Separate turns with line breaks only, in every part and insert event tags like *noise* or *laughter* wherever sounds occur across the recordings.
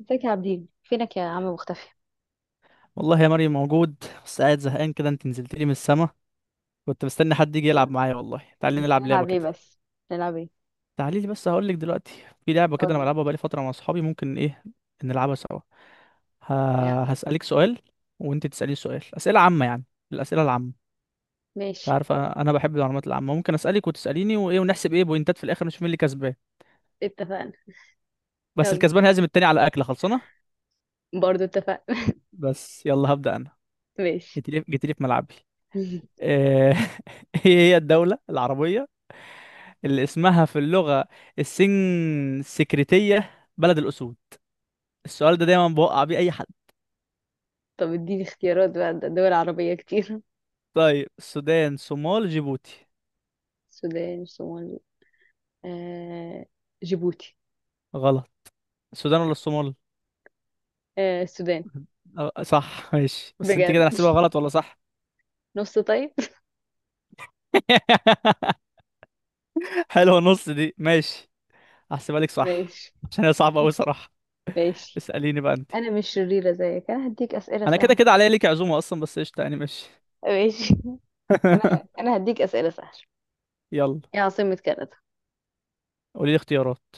ازيك يا عابدين؟ فينك يا عم؟ مختفي!
والله يا مريم موجود. بس قاعد زهقان كده، انت نزلت لي من السما. كنت مستني حد يجي
ف-
يلعب معايا، والله تعالي نلعب لعبة
نلعب ايه
كده.
بس؟ نلعب ايه؟
تعالي لي بس هقول لك دلوقتي. في لعبة كده انا
قولي.
بلعبها بقالي فترة مع اصحابي، ممكن ايه نلعبها سوا. ه...
يعني
هسألك سؤال وانت تسألي سؤال، أسئلة عامة يعني، الأسئلة العامة. انت
ماشي،
عارفة انا بحب المعلومات العامة، ممكن أسألك وتسأليني وايه، ونحسب ايه بوينتات في الاخر نشوف مين اللي كسبان.
اتفقنا.
بس
يلا،
الكسبان هيعزم التاني على أكلة خلصانة.
برضو اتفقنا. *laughs*
بس يلا هبدأ انا.
ماشي.
جيت لي جيت لي في ملعبي.
*laughs*
*laughs* آه، ايه هي الدولة العربية اللي اسمها في اللغة السن السكرتية بلد الأسود؟ السؤال ده دايما بوقع بيه أي حد.
طب اديني اختيارات بقى، ده دول عربية كتير.
طيب، السودان، صومال، جيبوتي؟
*laughs* السودان، الصومال، آه... جيبوتي.
غلط. السودان ولا الصومال؟
السودان.
أه، صح ماشي، بس انت
بجد؟
كده هحسبها غلط ولا صح؟
نص طيب.
*laughs* حلوة نص دي، ماشي، هحسبها لك
*laughs*
صح.
ماشي.
عشان هي صعبة أوي صراحة.
ماشي،
اسأليني بقى انت.
انا مش شريرة زيك، انا هديك اسئلة
أنا كده
سهلة.
كده عليا ليك عزومة أصلا، بس قشطة يعني ماشي.
ماشي. *laughs* انا
*laughs*
انا هديك اسئلة سهلة.
يلا.
ايه عاصمة كندا؟
قولي لي اختيارات.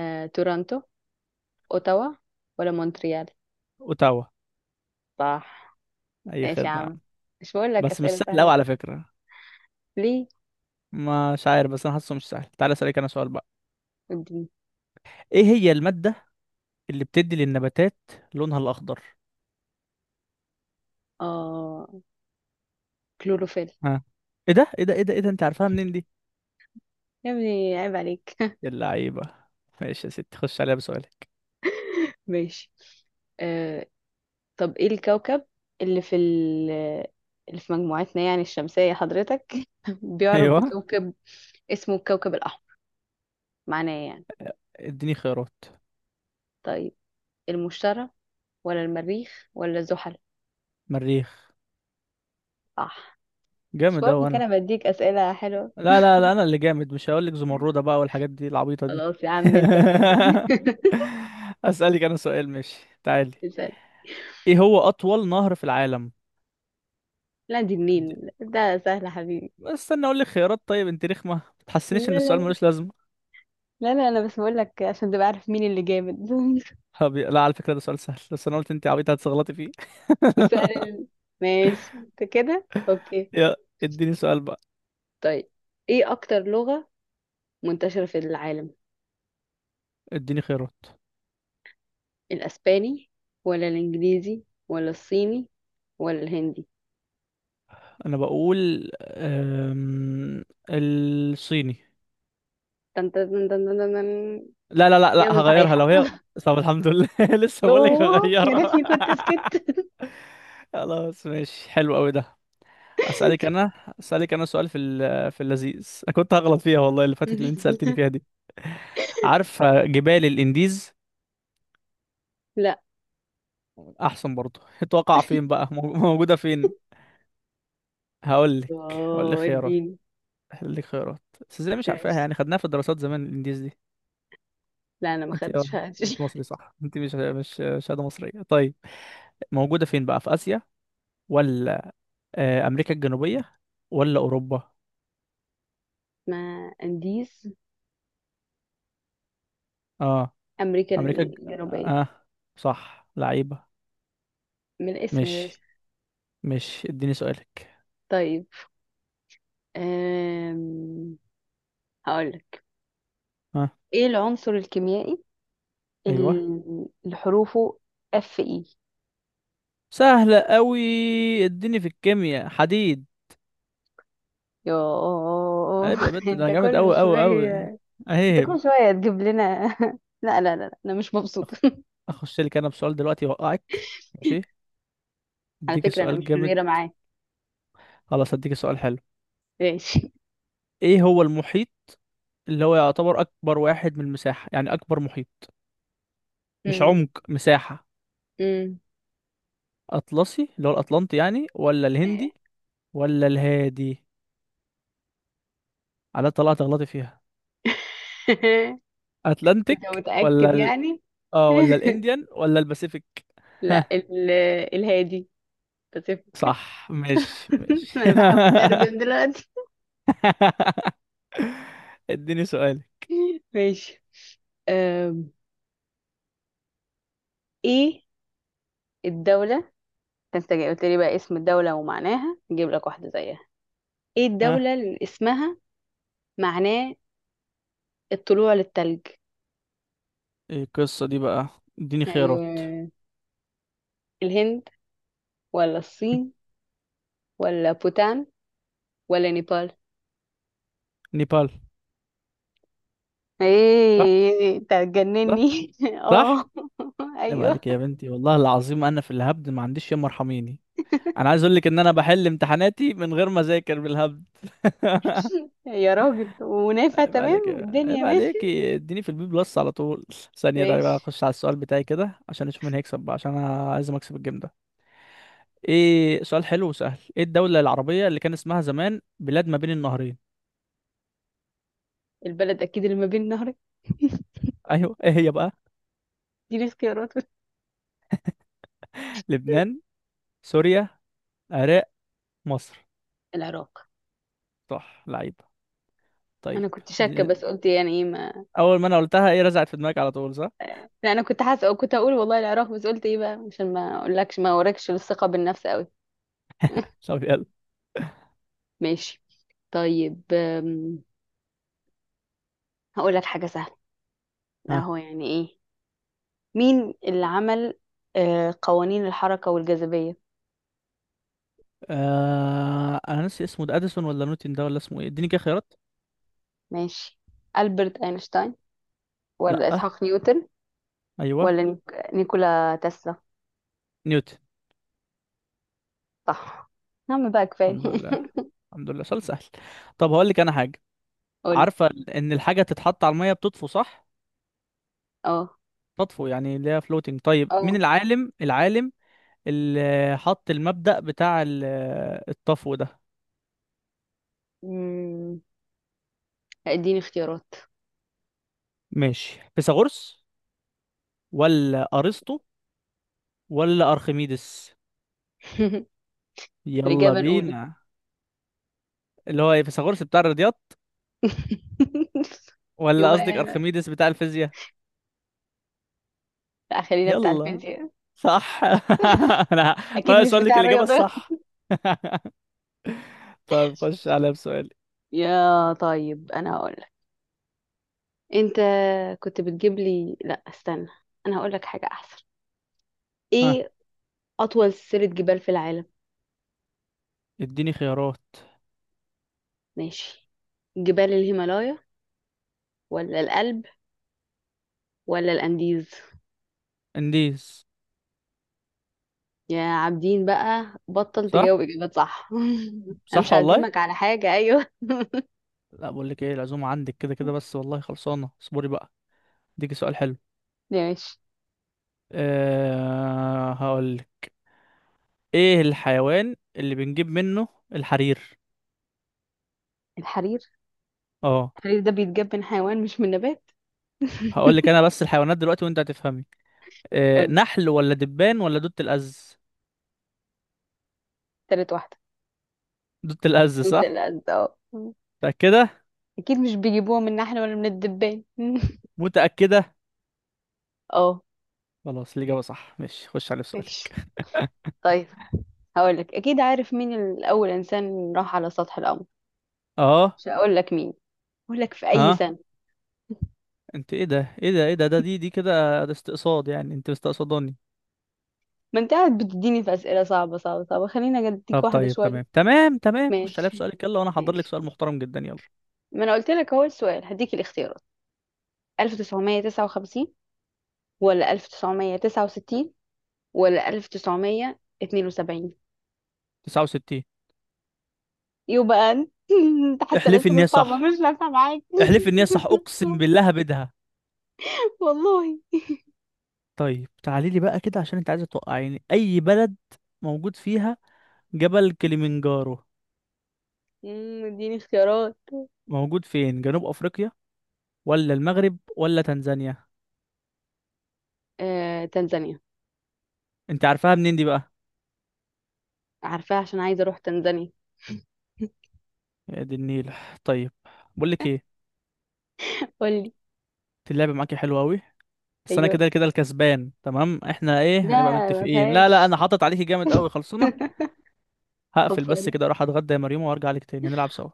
تورونتو، اوتاوا، ولا مونتريال؟
أوتاوا.
صح.
أي
ماشي يا
خدمة يا
عم،
عم.
مش بقول لك
بس مش
أسئلة
سهل أوي
سهلة؟
على فكرة.
ليه؟
مش عارف، بس انا حاسه مش سهل، تعالى اسالك انا سؤال بقى.
اديني.
ايه هي الماده اللي بتدي للنباتات لونها الاخضر؟
اه، كلوروفيل.
ها، ايه ده ايه ده ايه ده ايه ده، انت عارفها منين دي؟
يا ابني عيب عليك!
اللعيبه. ماشي يا ستي، خش عليها بسؤالك.
*laughs* ماشي. آه طب ايه الكوكب اللي في ال اللي في مجموعتنا يعني الشمسية، حضرتك *laughs*
*laughs*
بيعرف
ايوه.
بكوكب اسمه الكوكب الأحمر، معناه إيه يعني؟
اديني خيارات.
طيب، المشتري ولا المريخ ولا زحل؟
مريخ.
صح. مش
جامد
بقول
اوي
لك
انا.
انا بديك أسئلة حلوة؟
لا لا لا انا اللي جامد، مش هقول لك زمرده بقى والحاجات دي العبيطه دي.
خلاص يا
*laughs*
عم، انت جامد.
اسالك انا سؤال ماشي، تعالي.
*laughs* اسأل.
ايه هو اطول نهر في العالم؟
لا، دي
دي-
النيل، ده سهل يا حبيبي.
بس استنى اقول لك خيارات، طيب انت رخمه، ما
لا
تحسنيش ان
لا
السؤال
لا
ملوش لازمه.
لا لا، انا بس بقول لك عشان تبقى عارف مين اللي جامد. *laughs*
لا على فكرة، ده سؤال سهل بس انا قلت انت عبيطة هتغلطي فيه.
والسؤال ال... ماشي، انت كده
*laughs*
اوكي.
يا. اديني سؤال بقى.
طيب، ايه اكتر لغة منتشرة في العالم؟
اديني خيارات.
الاسباني ولا الانجليزي ولا الصيني ولا الهندي؟
انا بقول الصيني.
تن تن تن تن تن تن.
لا لا لا لا،
اجابة
هغيرها
صحيحة.
لو هي.
*laughs*
طب الحمد لله. *laughs* لسه بقول لك
يوه، يا
هغيرها.
ريتني كنت سكت.
*laughs* خلاص ماشي، حلو قوي ده. اسالك انا، اسالك انا سؤال في في اللذيذ، انا كنت هغلط فيها والله اللي فاتت اللي انت سالتني فيها دي. عارفه جبال الانديز؟
*laughs* لا.
احسن برضه. تقع فين بقى، موجوده فين؟ هقول لك هقول لك
اوه،
خيارات،
اديني.
هقول لك خيارات. بس ازاي مش عارفاها
ماشي.
يعني، خدناها في الدراسات زمان، الانديز دي.
لا، انا ما
انت
خدتش
اه،
فيها.
مش
*laughs*
مصري صح، انت مش شهاده مصريه طيب. موجوده فين بقى، في اسيا ولا امريكا الجنوبيه ولا اوروبا؟
ما انديز،
اه،
امريكا
امريكا اه.
الجنوبية.
آه، صح لعيبه.
من الاسم يا
مش
باشا.
مش اديني سؤالك.
طيب، أم... هقولك.
اه.
ايه العنصر الكيميائي
ايوه.
اللي حروفه اف اي؟
سهله قوي. اديني في الكيمياء، حديد.
يوه
عيب يا
*laughs*
بنت، ده
انت
انا جامد
كل
قوي قوي قوي.
شوية، انت
عيب.
كل شوية تجيب لنا. *laughs* لا لا لا لا، انا مش
أخ-
مبسوطة. *laughs*
اخش لك انا بسؤال دلوقتي يوقعك، ماشي.
على
اديك
فكرة انا
سؤال
مش
جامد.
شريرة معاك.
خلاص اديك سؤال حلو.
ماشي. *laughs*
ايه هو المحيط اللي هو يعتبر اكبر واحد من المساحة يعني، اكبر محيط، مش
أم،
عمق، مساحة.
أم،
اطلسي اللي هو الاطلنطي يعني، ولا
إيه.
الهندي ولا الهادي؟ على طلعت غلطي فيها.
*laughs* انت
اتلانتيك ولا
متأكد يعني؟
اه، ولا
*laughs*
الانديان ولا الباسيفيك؟
لا،
ها.
الهادي. بتفك؟
صح ماشي
*laughs*
ماشي. *laughs*
انا بحاول اترجم دلوقتي.
اديني سؤالي.
*laughs* ماشي. أم، ايه الدولة؟ انت جاي قلت لي بقى اسم الدولة ومعناها، نجيب لك واحدة زيها. ايه
ها،
الدولة اللي اسمها معناه الطلوع للتلج؟
ايه القصة دي بقى؟ اديني
ايوه،
خيارات. *laughs*
الهند ولا الصين ولا بوتان ولا نيبال؟
نيبال. صح
ايه، انت
صح
هتجنني! *laughs*
صح.
اه.
عيب
ايوه.
عليك يا بنتي، والله العظيم انا في الهبد ما عنديش ياما، ارحميني. انا عايز اقول لك ان انا بحل امتحاناتي من غير ما اذاكر، بالهبد.
يا راجل، ونافع تمام والدنيا
عيب عليك،
ماشي.
اديني في البي بلس على طول. ثانيه، ده بقى
ماشي.
اخش على السؤال بتاعي كده، عشان اشوف مين هيكسب بقى، عشان انا عايز اكسب الجيم ده. ايه سؤال حلو وسهل، ايه الدوله العربيه اللي كان اسمها زمان بلاد ما بين النهرين؟
البلد اكيد اللي ما بين نهرين.
*laughs* ايوه، ايه هي بقى؟
دي اختيارات.
لبنان، سوريا، العراق، مصر؟
العراق.
صح لعيب. طيب.
انا كنت شاكه،
دي-
بس قلت يعني ايه ما.
اول ما انا قلتها، ايه رزعت في دماغك على طول صح.
لا، انا كنت حاسه، كنت اقول والله العراق، بس قلت ايه بقى عشان ما اقولكش، ما اوريكش الثقه بالنفس قوي.
طب يلا.
ماشي. طيب، هقول لك حاجه سهله. اهو يعني ايه. مين اللي عمل قوانين الحركه والجاذبيه؟
انا ناسي اسمه ده، اديسون ولا نيوتن ده، ولا اسمه ايه، اديني كده خيارات.
ماشي. البرت اينشتاين ولا
لا.
اسحاق نيوتن
ايوه.
ولا نيكولا تسلا؟
نيوتن.
صح. يا عم بقى كفايه!
الحمد لله،
*laughs*
الحمد لله سؤال سهل. طب هقول لك انا حاجه.
قولي.
عارفه ان الحاجه تتحط على الميه بتطفو صح؟
اه،
تطفو يعني اللي هي فلوتنج، طيب مين
اه.
العالم، اللي حط المبدأ بتاع الطفو ده.
أمم، اديني اختيارات.
ماشي، فيثاغورس ولا ارسطو ولا ارخميدس؟
*laughs*
يلا
الاجابه الاولى.
بينا. اللي هو ايه، فيثاغورس بتاع الرياضيات
*laughs*
ولا قصدك
يبقى
ارخميدس بتاع الفيزياء؟
لا، خلينا بتاع
يلا.
الفيزياء.
صح. *laughs* انا
اكيد
ناقص
مش
اقول لك
بتاع
الاجابه
الرياضه. *laughs*
الصح. *laughs* طيب خش على بسؤالي.
يا طيب، انا هقول لك. انت كنت بتجيب لي، لا استنى، انا هقول لك حاجه احسن.
ها.
ايه اطول سلسله جبال في العالم؟
اديني خيارات.
ماشي. جبال الهيمالايا ولا الألب ولا الأنديز؟
انديز.
يا عابدين بقى، بطل
صح
تجاوب إجابات صح! *laughs* أنا مش
صح والله.
هعزمك على حاجة، أيوه. *laughs*
لا بقول لك ايه، العزومه عندك كده كده بس والله خلصانه، اصبري بقى. اديكي سؤال حلو.
ماشي.
أه هقول لك. ايه الحيوان اللي بنجيب منه الحرير؟
الحرير.
اه.
الحرير ده بيتجاب من حيوان مش من نبات.
هقول لك انا
*laughs*
بس الحيوانات دلوقتي وانت هتفهمي. أه،
قولي.
نحل ولا دبان ولا دود الأز؟
تالت واحدة.
دود الأز
قلت
صح.
الأسد، اه.
متأكده.
اكيد مش بيجيبوها من احنا ولا من الدبان. *laughs*
متأكده.
اه.
خلاص الإجابة صح ماشي، خش على السؤال.
ماشي. طيب، هقولك اكيد عارف مين الاول انسان راح على سطح القمر.
اه.
مش هقولك مين، هقولك في اي
اه.
سنة.
انت ايه ده ايه ده ايه ده ده دي دي كده ده استقصاد يعني، انت مستقصداني؟
ما انت قاعد بتديني في اسئلة صعبة صعبة صعبة، خليني اديك
طب
واحدة
طيب
شوية.
تمام تمام تمام، خش عليا
ماشي.
بسؤالك يلا، وانا هحضر لك
ماشي.
سؤال محترم جدا يلا.
ما انا قلت لك اهو السؤال، هديك الاختيارات. 1959 ولا 1969 ولا 1972؟
69.
يبقى انت *laughs* انت حتى
احلفي ان
الاسئلة
هي
الصعبة
صح،
مش نافعة معاك.
احلفي ان هي صح، اقسم بالله هبدها.
*laughs* والله.
طيب تعالي لي بقى كده، عشان انت عايزه توقعيني، اي بلد موجود فيها جبل كليمنجارو؟
اديني اختيارات.
موجود فين، جنوب افريقيا ولا المغرب ولا تنزانيا؟
تنزانيا.
انت عارفاها منين دي بقى؟
عارفاها عشان عايزة اروح تنزانيا.
يا دي النيل. طيب، بقول لك ايه.
قولي.
اللعبه معاكي حلوه قوي، بس انا
ايوه.
كده كده الكسبان تمام، احنا ايه
لا،
هنبقى
ما
متفقين، لا لا انا
فيهاش.
حاطط عليكي جامد قوي، خلصنا.
*laughs*
هقفل بس
خلصانة.
كده، اروح اتغدى يا مريم وارجع لك تاني نلعب سوا.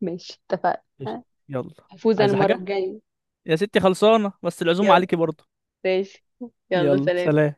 ماشي،
قشطة.
اتفقنا.
يلا.
هفوز انا
عايزة
المرة
حاجة؟
الجاية.
يا ستي خلصانة، بس العزومة
يلا.
عليكي برضه.
ماشي. يلا،
يلا
سلام.
سلام.